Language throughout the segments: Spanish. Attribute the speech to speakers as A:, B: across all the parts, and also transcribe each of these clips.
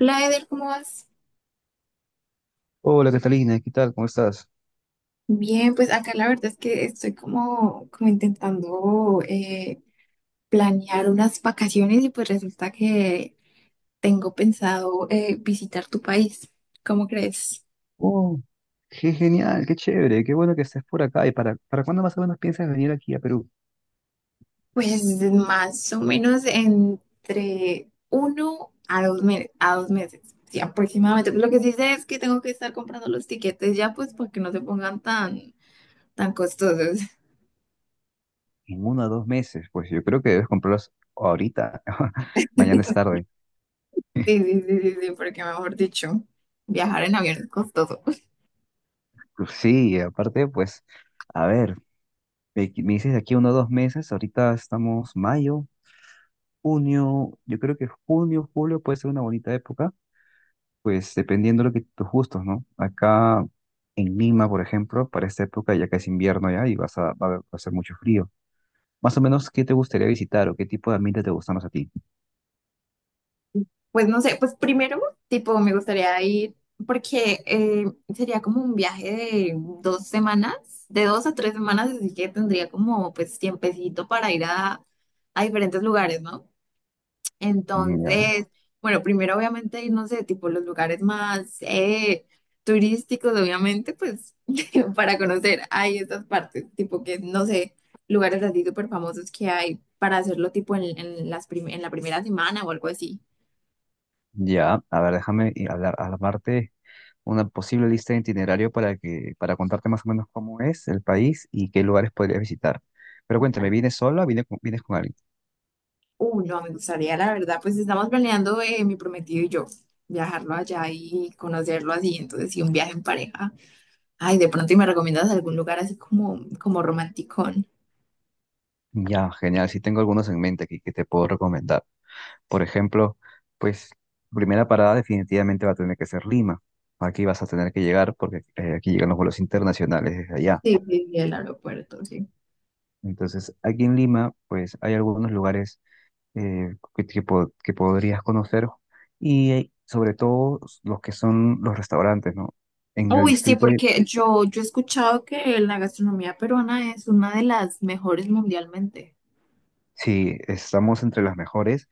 A: Hola Eder, ¿cómo vas?
B: Hola Catalina, ¿qué tal? ¿Cómo estás?
A: Bien, pues acá la verdad es que estoy como intentando planear unas vacaciones y pues resulta que tengo pensado visitar tu país. ¿Cómo crees?
B: Oh, qué genial, qué chévere, qué bueno que estés por acá. ¿Y para cuándo más o menos piensas venir aquí a Perú?
A: Pues más o menos entre uno a dos, a dos meses, sí, aproximadamente. Lo que sí sé es que tengo que estar comprando los tiquetes ya pues para que no se pongan tan, tan costosos.
B: En uno o dos meses, pues yo creo que debes comprarlos ahorita, mañana es tarde.
A: Sí, sí, sí, sí, sí, porque mejor dicho, viajar en avión es costoso.
B: Pues sí, aparte, pues, a ver, me dices de aquí uno o dos meses, ahorita estamos mayo, junio, yo creo que junio, julio puede ser una bonita época, pues dependiendo de lo que tus gustos, ¿no? Acá en Lima, por ejemplo, para esta época ya que es invierno ya y vas a, va a hacer mucho frío. Más o menos, ¿qué te gustaría visitar o qué tipo de ambiente te gustan más a ti?
A: Pues no sé, pues primero, tipo, me gustaría ir porque sería como un viaje de dos semanas, de dos a tres semanas, así que tendría como pues tiempecito para ir a diferentes lugares, ¿no?
B: Ya.
A: Entonces, bueno, primero obviamente ir, no sé, tipo los lugares más turísticos, obviamente, pues para conocer ahí estas partes, tipo que, no sé, lugares así súper famosos que hay para hacerlo tipo en las en la primera semana o algo así.
B: Ya, a ver, déjame y hablar, armarte una posible lista de itinerario para que, para contarte más o menos cómo es el país y qué lugares podrías visitar. Pero cuéntame, ¿vienes sola o vienes con alguien?
A: No, me gustaría, la verdad, pues estamos planeando mi prometido y yo, viajarlo allá y conocerlo así, entonces sí, un viaje en pareja. Ay, de pronto, ¿y me recomiendas algún lugar así como, como romanticón?
B: Ya, genial, sí tengo algunos en mente aquí que te puedo recomendar. Por ejemplo, pues, primera parada definitivamente va a tener que ser Lima. Aquí vas a tener que llegar porque aquí llegan los vuelos internacionales desde
A: Sí,
B: allá.
A: sí, sí, el aeropuerto, sí.
B: Entonces, aquí en Lima, pues, hay algunos lugares que, que podrías conocer y sobre todo los que son los restaurantes, ¿no? En el
A: Uy, sí,
B: distrito de...
A: porque yo he escuchado que la gastronomía peruana es una de las mejores mundialmente.
B: Sí, estamos entre las mejores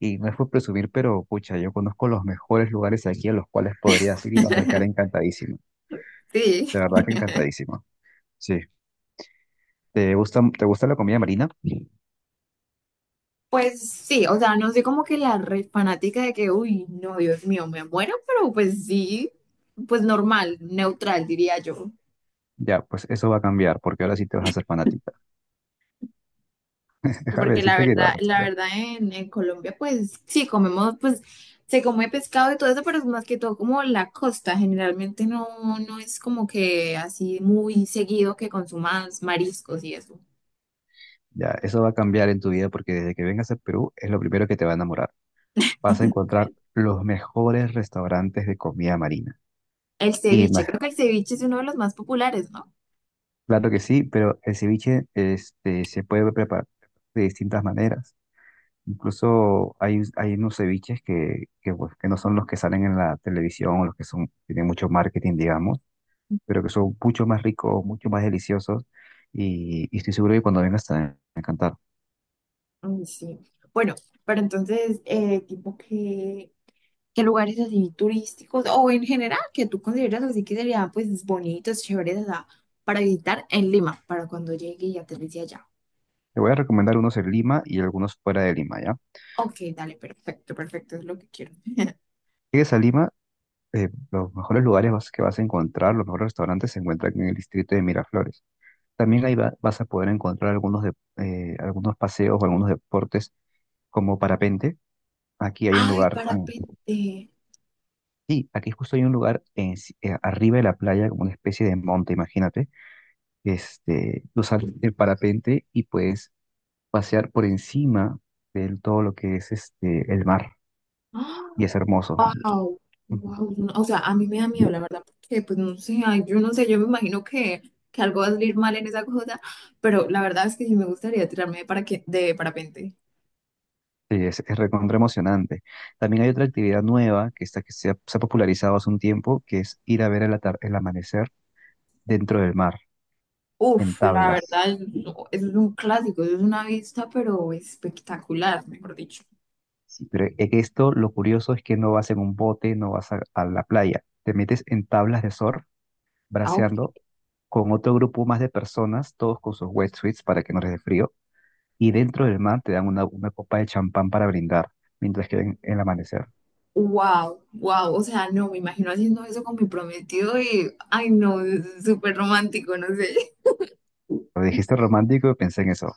B: y no es por presumir, pero pucha, yo conozco los mejores lugares aquí a los cuales podrías ir y vas a quedar encantadísimo.
A: Sí.
B: De verdad que encantadísimo. Sí. Te gusta la comida marina?
A: Pues sí, o sea, no soy como que la re fanática de que, uy, no, Dios mío, me muero, pero pues sí, pues normal, neutral, diría yo.
B: Ya, pues eso va a cambiar porque ahora sí te vas a hacer fanática. Déjame
A: Porque
B: decirte que va a
A: la
B: cambiar.
A: verdad en Colombia, pues sí, comemos, pues se come pescado y todo eso, pero es más que todo como la costa. Generalmente no, no es como que así muy seguido que consumas mariscos y eso.
B: Ya, eso va a cambiar en tu vida porque desde que vengas a Perú es lo primero que te va a enamorar. Vas a encontrar los mejores restaurantes de comida marina.
A: El
B: Y
A: ceviche,
B: más,
A: creo que el ceviche es uno de los más populares, ¿no?
B: claro que sí, pero el ceviche este, se puede preparar de distintas maneras. Incluso hay, hay unos ceviches que, pues, que no son los que salen en la televisión o los que son, tienen mucho marketing, digamos, pero que son mucho más ricos, mucho más deliciosos y estoy seguro que cuando vengas te van a encantar.
A: Mm, sí. Bueno, pero entonces, tipo que, ¿qué lugares así turísticos o en general que tú consideras así que serían pues bonitos, chéveres, o sea, para visitar en Lima, para cuando llegue y aterrice allá?
B: Te voy a recomendar unos en Lima y algunos fuera de Lima, ¿ya?
A: Ok, dale, perfecto, perfecto, es lo que quiero.
B: Llegues a Lima, los mejores lugares que vas a encontrar, los mejores restaurantes se encuentran en el distrito de Miraflores. También ahí vas a poder encontrar algunos, de, algunos paseos o algunos deportes como parapente. Aquí hay un
A: Ay,
B: lugar,
A: parapente.
B: sí, aquí justo hay un lugar en si- arriba de la playa, como una especie de monte, imagínate. Este, tú sales del parapente y puedes pasear por encima de todo lo que es este, el mar. Y
A: Wow,
B: es hermoso. Ujú.
A: wow. O sea, a mí me da miedo, la verdad, porque pues no sé, ay, yo no sé, yo me imagino que algo va a salir mal en esa cosa, pero la verdad es que sí me gustaría tirarme de, para de parapente.
B: Sí, es recontra emocionante. También hay otra actividad nueva que, está, se ha popularizado hace un tiempo, que es ir a ver el, el amanecer dentro del mar, en
A: Uf, la
B: tablas.
A: verdad, no, eso es un clásico, eso es una vista, pero espectacular, mejor dicho.
B: Sí, pero en esto lo curioso es que no vas en un bote, no vas a la playa, te metes en tablas de surf,
A: Ah, ok.
B: braceando con otro grupo más de personas, todos con sus wetsuits para que no les dé frío, y dentro del mar te dan una copa de champán para brindar mientras que ven el amanecer.
A: Wow, wow, o sea, no, me imagino haciendo eso con mi prometido y, ay, no, es súper romántico, no sé.
B: Lo dijiste romántico y pensé en eso.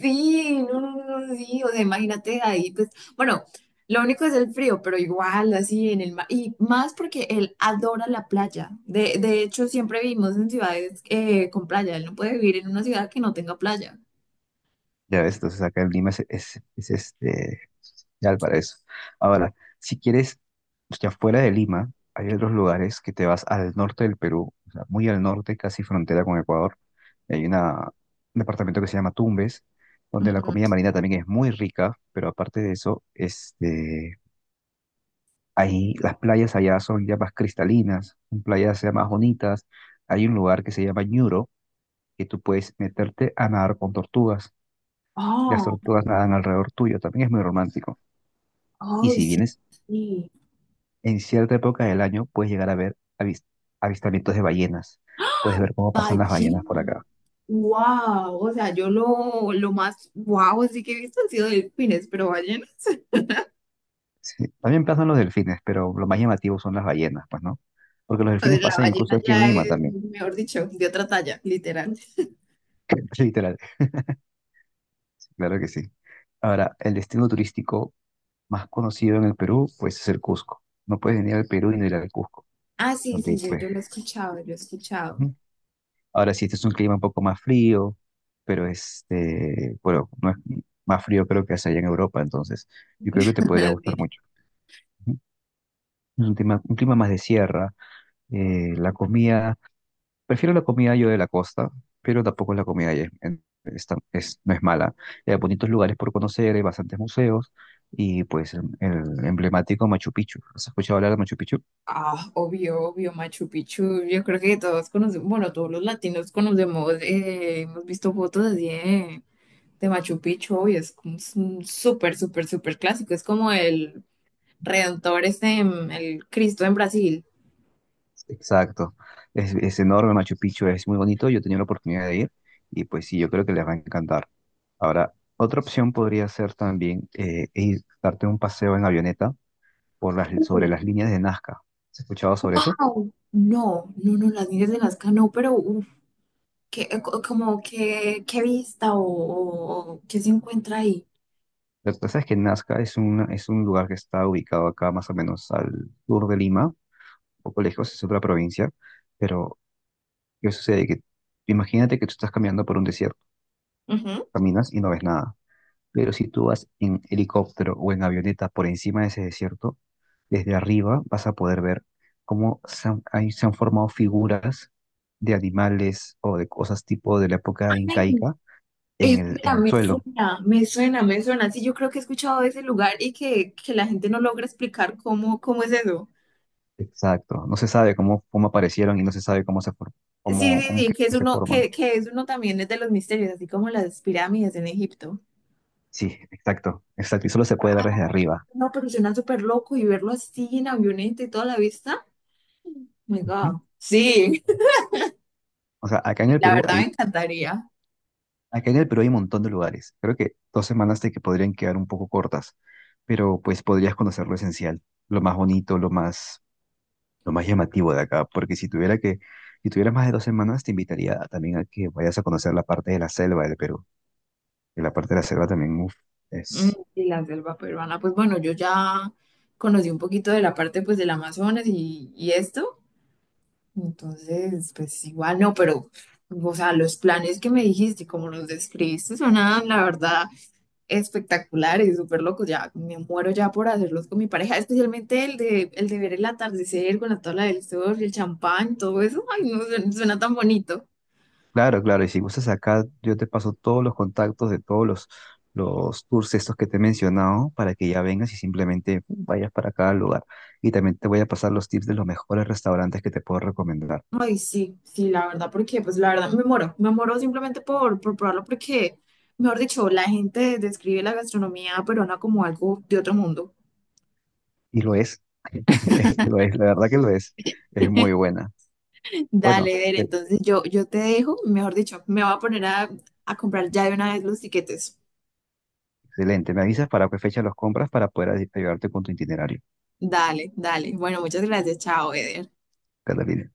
A: Sí, no, no, no, no, sí, o sea, imagínate ahí, pues, bueno, lo único es el frío, pero igual, así en el mar, y más porque él adora la playa, de hecho, siempre vivimos en ciudades con playa, él no puede vivir en una ciudad que no tenga playa.
B: Ya ves, entonces acá en Lima es este, ya para eso. Ahora, si quieres, ya fuera de Lima, hay otros lugares que te vas al norte del Perú, o sea, muy al norte, casi frontera con Ecuador. Hay una, un departamento que se llama Tumbes, donde la comida
A: Ujú.
B: marina también es muy rica, pero aparte de eso, este, ahí las playas allá son ya más cristalinas, son playas ya más bonitas. Hay un lugar que se llama Ñuro, que tú puedes meterte a nadar con tortugas. Las
A: Oh,
B: tortugas nadan alrededor tuyo, también es muy romántico. Y
A: ay,
B: si
A: sí,
B: vienes
A: sí,
B: en cierta época del año, puedes llegar a ver avistamientos de ballenas. Puedes ver cómo pasan las ballenas por
A: ballena,
B: acá.
A: wow, o sea, yo lo más wow, así que he visto han sido delfines, pero ballena,
B: Sí, también pasan los delfines, pero lo más llamativo son las ballenas, pues, ¿no? Porque los delfines
A: la
B: pasan
A: ballena
B: incluso aquí en
A: ya
B: Lima
A: es,
B: también.
A: mejor dicho, de otra talla, literal.
B: Literal, claro que sí. Ahora, el destino turístico más conocido en el Perú, pues es el Cusco. No puedes venir al Perú y no ir al Cusco,
A: Ah, sí, sí,
B: donde, pues,
A: yo lo he escuchado, yo he escuchado.
B: ujú, ahora sí, este es un clima un poco más frío, pero este, bueno, no es más frío creo que es allá en Europa, entonces yo creo que te podría gustar
A: Sí.
B: mucho. Ujú. Es un clima más de sierra, la comida, prefiero la comida yo de la costa, pero tampoco la comida allá es, no es mala. Hay bonitos lugares por conocer, hay bastantes museos y pues el emblemático Machu Picchu. ¿Has escuchado hablar de Machu Picchu?
A: Ah, obvio, obvio, Machu Picchu. Yo creo que todos conocemos, bueno, todos los latinos conocemos, hemos visto fotos así de Machu Picchu, obvio, es como un súper, súper, súper clásico. Es como el Redentor, este, el Cristo en Brasil.
B: Exacto. Es enorme Machu Picchu, es muy bonito. Yo he tenido la oportunidad de ir y pues sí, yo creo que les va a encantar. Ahora, otra opción podría ser también ir, darte un paseo en avioneta por las, sobre las líneas de Nazca. ¿Has escuchado sobre eso?
A: Au. No, no, no, las niñas de Nazca no, pero uf, ¿qué, como qué qué vista o, o qué se encuentra ahí?
B: Lo que pasa es que Nazca es un lugar que está ubicado acá más o menos al sur de Lima, un poco lejos, es otra provincia, pero ¿qué sucede? Que imagínate que tú estás caminando por un desierto,
A: Ujú.
B: caminas y no ves nada. Pero si tú vas en helicóptero o en avioneta por encima de ese desierto, desde arriba vas a poder ver cómo se han, ahí se han formado figuras de animales o de cosas tipo de la época
A: Ay,
B: incaica
A: espera,
B: en el
A: me
B: suelo.
A: suena, me suena, me suena. Sí, yo creo que he escuchado de ese lugar y que la gente no logra explicar cómo, cómo es eso.
B: Exacto. No se sabe cómo, cómo aparecieron y no se sabe
A: Sí,
B: cómo,
A: sí,
B: cómo
A: sí,
B: que se forman.
A: que es uno también es de los misterios, así como las pirámides en Egipto.
B: Sí, exacto, exacto. Y solo se puede ver desde arriba.
A: No, pero suena súper loco y verlo así en avioneta y toda la vista. Oh my
B: Ujú.
A: God. Sí.
B: O sea, acá en el
A: La
B: Perú
A: verdad me
B: hay.
A: encantaría.
B: Acá en el Perú hay un montón de lugares. Creo que dos semanas te que podrían quedar un poco cortas, pero pues podrías conocer lo esencial, lo más bonito, lo más llamativo de acá. Porque si tuviera que, si tuvieras más de dos semanas, te invitaría a- también a que vayas a conocer la parte de la selva del Perú. Y la parte de la selva también, uf,
A: Mm,
B: es.
A: y la selva peruana, pues bueno, yo ya conocí un poquito de la parte pues del Amazonas y esto, entonces pues igual no, pero o sea, los planes que me dijiste y como los describiste sonaban la verdad espectaculares, súper locos, ya me muero ya por hacerlos con mi pareja, especialmente el de ver el atardecer con la tabla del surf y el champán, todo eso, ay no, suena, suena tan bonito.
B: Claro, claro. Y si gustas acá, yo te paso todos los contactos de todos los tours estos que te he mencionado para que ya vengas y simplemente vayas para cada lugar. Y también te voy a pasar los tips de los mejores restaurantes que te puedo recomendar.
A: Ay, sí, sí, la verdad, porque pues la verdad me muero simplemente por probarlo porque, mejor dicho, la gente describe la gastronomía peruana como algo de otro mundo.
B: Y lo es, lo es, la verdad que lo es. Es muy buena. Bueno,
A: Dale, Eder,
B: e-
A: entonces yo te dejo, mejor dicho, me voy a poner a comprar ya de una vez los tiquetes.
B: excelente. Me avisas para qué fecha los compras para poder ayudarte con tu itinerario,
A: Dale, dale. Bueno, muchas gracias, chao, Eder.
B: Catalina.